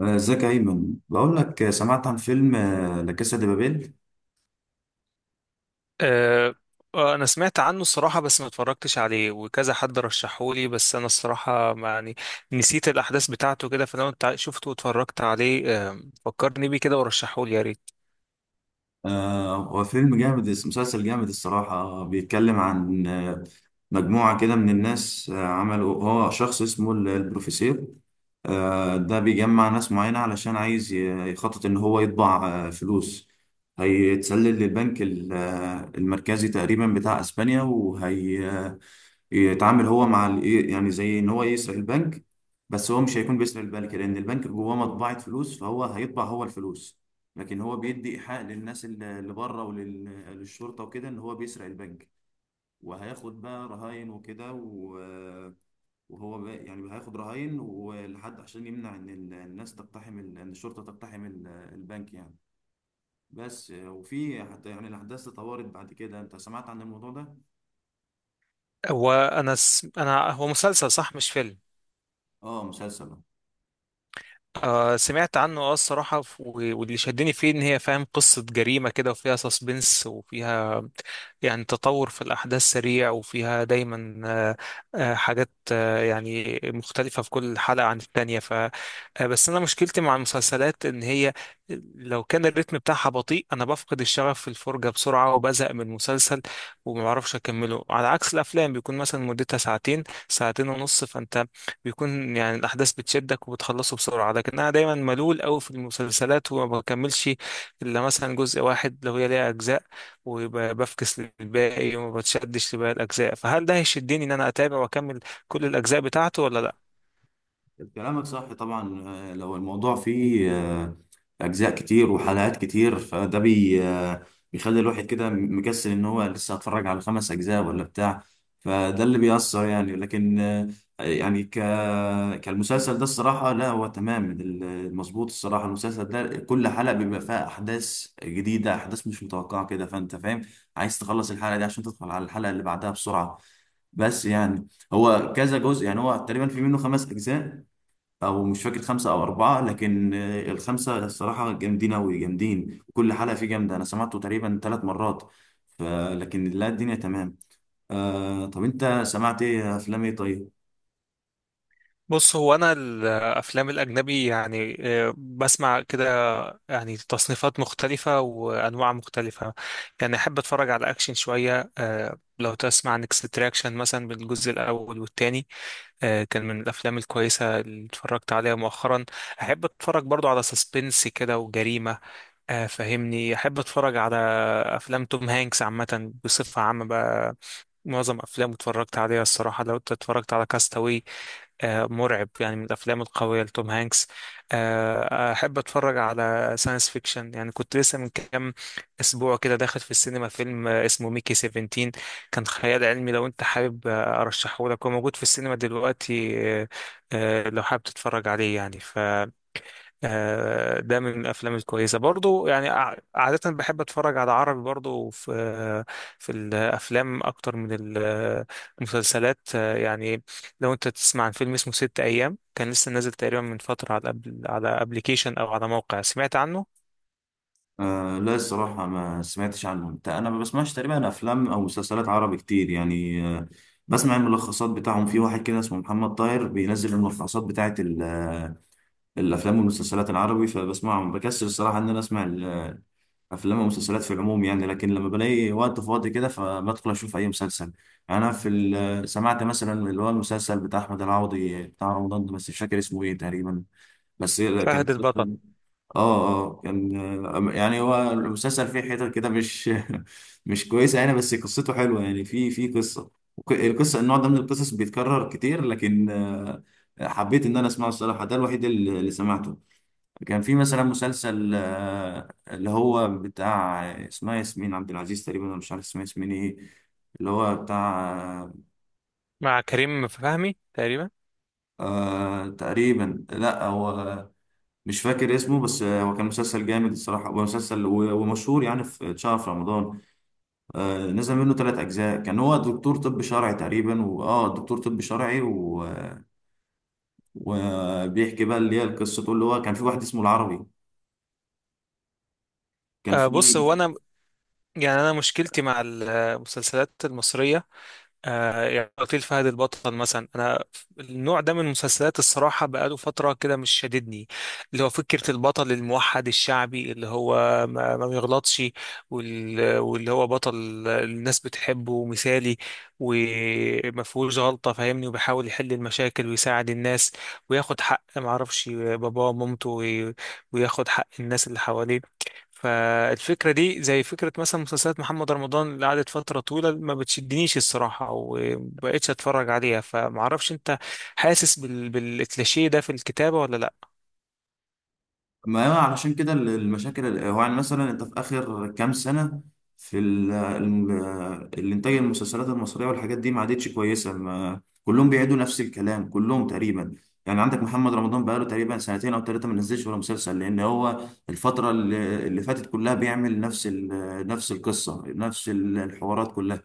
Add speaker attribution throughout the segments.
Speaker 1: ازيك يا ايمن، بقول لك سمعت عن فيلم لا كاسا دي بابيل.
Speaker 2: آه، انا سمعت عنه الصراحه، بس ما اتفرجتش عليه. وكذا حد رشحهولي، بس انا الصراحه يعني نسيت الاحداث بتاعته كده. فلو انت شفته واتفرجت عليه فكرني بيه كده ورشحهولي يا ريت.
Speaker 1: هو فيلم جامد، مسلسل جامد الصراحه. بيتكلم عن مجموعه كده من الناس. عملوا، هو شخص اسمه البروفيسور. ده بيجمع ناس معينه علشان عايز يخطط ان هو يطبع فلوس. هيتسلل للبنك المركزي تقريبا بتاع اسبانيا، وهي يتعامل هو مع إيه يعني، زي ان هو يسرق البنك. بس هو مش هيكون بيسرق البنك، لان البنك جواه مطبعة فلوس، فهو هيطبع هو الفلوس. لكن هو بيدي ايحاء للناس اللي بره وللشرطة وكده ان هو بيسرق البنك، وهياخد بقى رهاين وكده وهو بقى يعني هياخد رهاين ولحد، عشان يمنع ان الناس تقتحم ان الشرطة تقتحم البنك يعني. بس وفي حتى يعني الاحداث تطورت بعد كده. انت سمعت عن الموضوع ده؟
Speaker 2: هو انا هو مسلسل صح مش فيلم.
Speaker 1: اه، مسلسل.
Speaker 2: آه سمعت عنه. اه الصراحة واللي شدني فيه ان هي فاهم قصة جريمة كده، وفيها سسبنس، وفيها يعني تطور في الأحداث سريع، وفيها دايما حاجات، يعني مختلفة في كل حلقة عن التانية، ف آه، بس أنا مشكلتي مع المسلسلات إن هي لو كان الريتم بتاعها بطيء أنا بفقد الشغف في الفرجة بسرعة وبزهق من المسلسل ومعرفش أكمله. على عكس الأفلام بيكون مثلا مدتها ساعتين ونص، فأنت بيكون يعني الأحداث بتشدك وبتخلصه بسرعة. لكن أنا دايما ملول أوي في المسلسلات وما بكملش إلا مثلا جزء واحد لو هي ليها أجزاء، وبفكس للباقي وما بتشدش لباقي الأجزاء. فهل ده هيشدني إن أنا أتابع وأكمل كل الأجزاء بتاعته ولا لأ؟
Speaker 1: كلامك صح طبعا. لو الموضوع فيه أجزاء كتير وحلقات كتير، فده بي آه، بيخلي الواحد كده مكسل إن هو لسه هتفرج على خمس أجزاء ولا بتاع. فده اللي بيأثر يعني، لكن يعني كالمسلسل ده الصراحة. لا هو تمام المظبوط الصراحة، المسلسل ده كل حلقة بيبقى فيها أحداث جديدة، أحداث مش متوقعة كده، فأنت فاهم عايز تخلص الحلقة دي عشان تدخل على الحلقة اللي بعدها بسرعة. بس يعني هو كذا جزء، يعني هو تقريبا في منه خمس أجزاء، او مش فاكر خمسه او اربعه. لكن الخمسه الصراحه جامدين اوي، جامدين، كل حلقه فيه جامده. انا سمعته تقريبا ثلاث مرات. ف- لكن لا، الدنيا تمام. طب انت سمعت ايه؟ افلام ايه؟ طيب.
Speaker 2: بص هو أنا الأفلام الأجنبي يعني بسمع كده يعني تصنيفات مختلفة وأنواع مختلفة. يعني أحب أتفرج على أكشن شوية. لو تسمع عن اكستراكشن مثلا بالجزء الأول والتاني، كان من الافلام الكويسه اللي اتفرجت عليها مؤخرا. احب اتفرج برضو على سسبنس كده وجريمه. فهمني، احب اتفرج على افلام توم هانكس عامه، بصفه عامه بقى معظم افلامه اتفرجت عليها الصراحه. لو انت اتفرجت على كاستاوي، مرعب يعني، من الافلام القويه لتوم هانكس. احب اتفرج على ساينس فيكشن. يعني كنت لسه من كام اسبوع كده داخل في السينما فيلم اسمه ميكي 17، كان خيال علمي. لو انت حابب ارشحه لك، هو موجود في السينما دلوقتي. لو حابب تتفرج عليه يعني، ده من الافلام الكويسه برضو. يعني عاده بحب اتفرج على عربي برضو في الافلام اكتر من المسلسلات، يعني لو انت تسمع عن فيلم اسمه ست ايام، كان لسه نازل تقريبا من فتره على أبل، على ابلكيشن او على موقع سمعت عنه.
Speaker 1: لا الصراحه ما سمعتش عنهم، انا ما بسمعش تقريبا افلام او مسلسلات عربي كتير يعني. بسمع الملخصات بتاعهم في واحد كده اسمه محمد طاهر، بينزل الملخصات بتاعت الافلام والمسلسلات العربي فبسمعهم. بكسل الصراحه ان انا اسمع افلام ومسلسلات في العموم يعني، لكن لما بلاقي وقت فاضي كده فبدخل اشوف اي مسلسل. يعني انا في ال- آه، سمعت مثلا اللي هو المسلسل بتاع احمد العوضي بتاع رمضان ده، بس مش فاكر اسمه ايه تقريبا، بس كان
Speaker 2: فهد البطل.
Speaker 1: اه اه، كان يعني هو المسلسل فيه حتت كده مش مش كويسه يعني، بس قصته حلوه يعني، في قصه. القصه، النوع ده من القصص بيتكرر كتير، لكن حبيت ان انا اسمعه الصراحه. ده الوحيد اللي سمعته. كان في مثلا مسلسل، اللي هو بتاع اسمها ياسمين عبد العزيز تقريبا، انا مش عارف اسمها ياسمين ايه، اللي هو بتاع
Speaker 2: مع كريم فهمي تقريبا.
Speaker 1: تقريبا. لا، هو مش فاكر اسمه، بس هو كان مسلسل جامد الصراحة. هو مسلسل ومشهور يعني، في اتشهر في رمضان. نزل منه ثلاث أجزاء. كان هو دكتور طب شرعي تقريبا، وآه دكتور طب شرعي وبيحكي بقى اللي هي القصة، اللي هو كان في واحد اسمه العربي، كان
Speaker 2: بص
Speaker 1: في.
Speaker 2: هو انا يعني انا مشكلتي مع المسلسلات المصريه، آه يعني قتيل فهد البطل مثلا. انا النوع ده من المسلسلات الصراحه بقاله فتره كده مش شاددني. اللي هو فكره البطل الموحد الشعبي اللي هو ما بيغلطش، واللي هو بطل الناس بتحبه ومثالي وما فيهوش غلطه، فاهمني، وبيحاول يحل المشاكل ويساعد الناس وياخد حق ما اعرفش باباه ومامته، وياخد حق الناس اللي حواليه. فالفكرة دي زي فكرة مثلا مسلسلات محمد رمضان اللي قعدت فترة طويلة ما بتشدنيش الصراحة ومبقتش اتفرج عليها. فمعرفش انت حاسس بالكليشيه ده في الكتابة ولا لا.
Speaker 1: ما هو علشان كده المشاكل هو يعني مثلا انت في اخر كام سنه، في الانتاج، المسلسلات المصريه والحاجات دي ما عادتش كويسه، ما كلهم بيعيدوا نفس الكلام كلهم تقريبا. يعني عندك محمد رمضان بقاله تقريبا سنتين او ثلاثه ما نزلش ولا مسلسل، لان هو الفتره اللي فاتت كلها بيعمل نفس نفس القصه، نفس الحوارات كلها،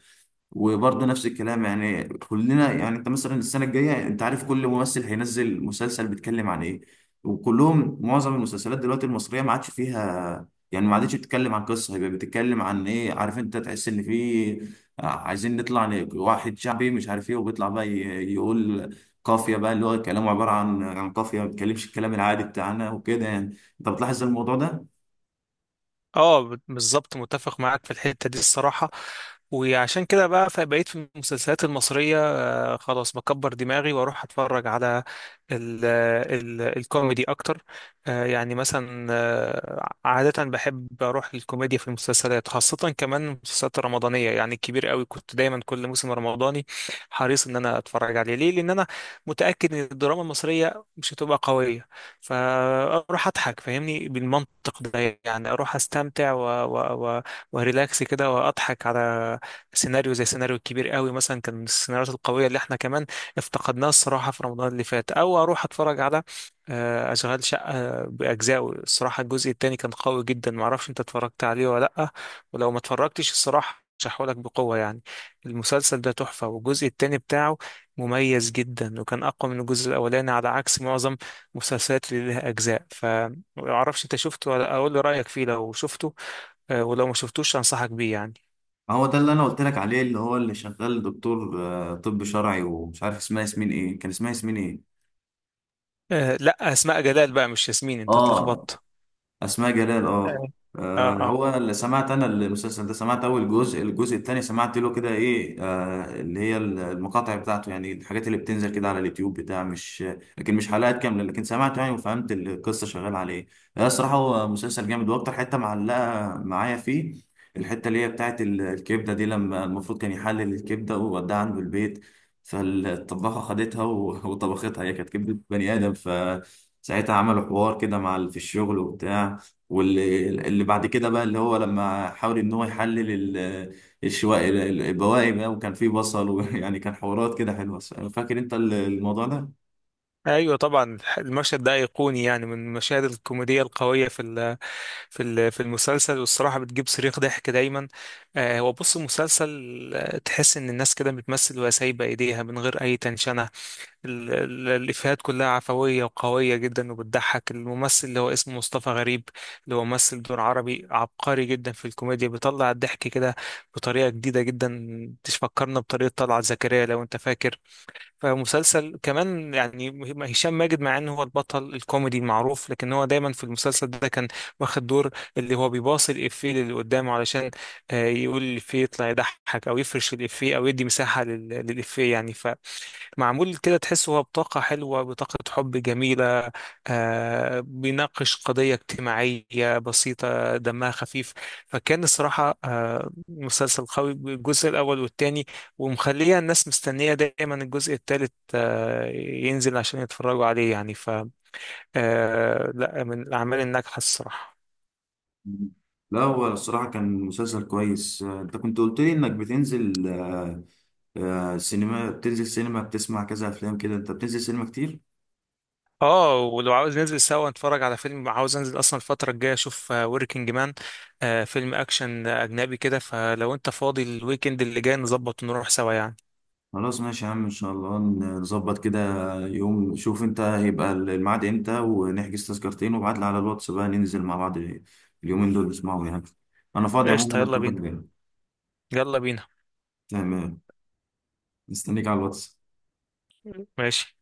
Speaker 1: وبرضه نفس الكلام. يعني كلنا، يعني انت مثلا السنه الجايه انت عارف كل ممثل هينزل مسلسل بيتكلم عن ايه. وكلهم، معظم المسلسلات دلوقتي المصريه ما عادش فيها، يعني ما عادتش بتتكلم عن قصه، هيبقى بتتكلم عن ايه؟ عارف انت تحس ان في عايزين نطلع واحد شعبي مش عارف ايه، وبيطلع بقى يقول قافيه بقى، اللي هو كلامه عباره عن قافيه، ما بيتكلمش الكلام العادي بتاعنا وكده. يعني انت بتلاحظ الموضوع ده؟
Speaker 2: اه بالظبط، متفق معاك في الحتة دي الصراحة. وعشان كده بقى فبقيت في المسلسلات المصرية خلاص بكبر دماغي واروح اتفرج على ال ال الكوميدي اكتر. يعني مثلا، عادة بحب اروح للكوميديا في المسلسلات، خاصة كمان المسلسلات الرمضانية. يعني الكبير قوي كنت دايما كل موسم رمضاني حريص ان انا اتفرج عليه، ليه؟ لان انا متأكد ان الدراما المصرية مش هتبقى قوية، فاروح اضحك فاهمني بالمنطق ده. يعني اروح استمتع وريلاكس كده واضحك على سيناريو زي سيناريو الكبير قوي مثلا، كان من السيناريوهات القوية اللي احنا كمان افتقدناها الصراحة في رمضان اللي فات. او اروح اتفرج على اشغال شقة باجزائه. الصراحة الجزء التاني كان قوي جدا، معرفش انت اتفرجت عليه ولا لأ. ولو ما اتفرجتش الصراحة لك بقوة يعني، المسلسل ده تحفة، والجزء التاني بتاعه مميز جدا وكان أقوى من الجزء الأولاني على عكس معظم المسلسلات اللي لها أجزاء. فمعرفش أنت شفته، ولا أقول لي رأيك فيه لو شفته. ولو ما شفتوش أنصحك بيه يعني.
Speaker 1: ما هو ده اللي انا قلت لك عليه، اللي هو اللي شغال دكتور طب شرعي، ومش عارف اسمها ياسمين ايه، كان اسمها ياسمين ايه.
Speaker 2: آه لا، اسماء جلال بقى مش ياسمين، انت
Speaker 1: اه،
Speaker 2: اتلخبطت.
Speaker 1: اسماء جلال، اه.
Speaker 2: آه. اه اه.
Speaker 1: هو اللي سمعت انا المسلسل ده، سمعت اول جزء. الجزء الثاني سمعت له كده ايه، اللي هي المقاطع بتاعته يعني، الحاجات اللي بتنزل كده على اليوتيوب بتاع مش، لكن مش حلقات كامله، لكن سمعت يعني وفهمت القصه شغاله على ايه. الصراحه هو مسلسل جامد. واكتر حته معلقه معايا فيه، الحته اللي هي بتاعت الكبده دي، لما المفروض كان يحلل الكبده ووداها عنده البيت، فالطباخه خدتها وطبختها، هي كانت كبده بني ادم. ساعتها عملوا حوار كده مع في الشغل وبتاع. واللي بعد كده بقى، اللي هو لما حاول ان هو يحلل ال- الشواء، البواقي بقى، وكان فيه بصل ويعني كان حوارات كده حلوة. فاكر انت الموضوع ده؟
Speaker 2: ايوه طبعا، المشهد ده ايقوني يعني، من المشاهد الكوميديه القويه في ال في ال في المسلسل، والصراحه بتجيب صريخ ضحك دايما. آه هو بص المسلسل، تحس ان الناس كده بتمثل وهي سايبه ايديها من غير اي تنشنه. الإفيهات كلها عفوية وقوية جدا وبتضحك. الممثل اللي هو اسمه مصطفى غريب، اللي هو ممثل دور عربي، عبقري جدا في الكوميديا، بيطلع الضحك كده بطريقة جديدة جدا تفكرنا بطريقة طلعت زكريا لو أنت فاكر. فمسلسل كمان يعني هشام ماجد، مع إن هو البطل الكوميدي المعروف، لكن هو دايما في المسلسل ده كان واخد دور اللي هو بيباصي الإفيه اللي قدامه علشان يقول الإفيه يطلع يضحك، أو يفرش الإفيه، أو يدي مساحة للإفيه يعني. معمول كده تحس هو بطاقة حلوة، بطاقة حب جميلة، آه بيناقش قضية اجتماعية بسيطة دمها خفيف. فكان الصراحة آه مسلسل قوي بالجزء الأول والتاني، ومخلية الناس مستنية دايما الجزء التالت آه ينزل عشان يتفرجوا عليه يعني. ف آه لا، من الأعمال الناجحة الصراحة.
Speaker 1: لا، هو الصراحة كان مسلسل كويس. انت كنت قلت لي انك بتنزل سينما، بتنزل سينما، بتسمع كذا افلام كده. انت بتنزل سينما كتير؟
Speaker 2: اه ولو عاوز ننزل سوا نتفرج على فيلم، عاوز انزل اصلا الفترة الجاية اشوف وركينج مان، فيلم اكشن اجنبي كده. فلو انت فاضي الويكند اللي جاي نظبط ونروح سوا يعني.
Speaker 1: خلاص ماشي يا عم، ان شاء الله نظبط كده يوم. شوف انت هيبقى الميعاد امتى، ونحجز تذكرتين، وابعت لي على الواتس بقى ننزل مع بعض اليومين دول نسمعهم يعني. انا فاضي
Speaker 2: قشطة،
Speaker 1: عموما
Speaker 2: يلا
Speaker 1: الفترة
Speaker 2: بينا.
Speaker 1: الجاية.
Speaker 2: يلا بينا.
Speaker 1: تمام. مستنيك على الواتس.
Speaker 2: ماشي.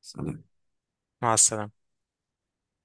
Speaker 1: سلام.
Speaker 2: مع السلامة.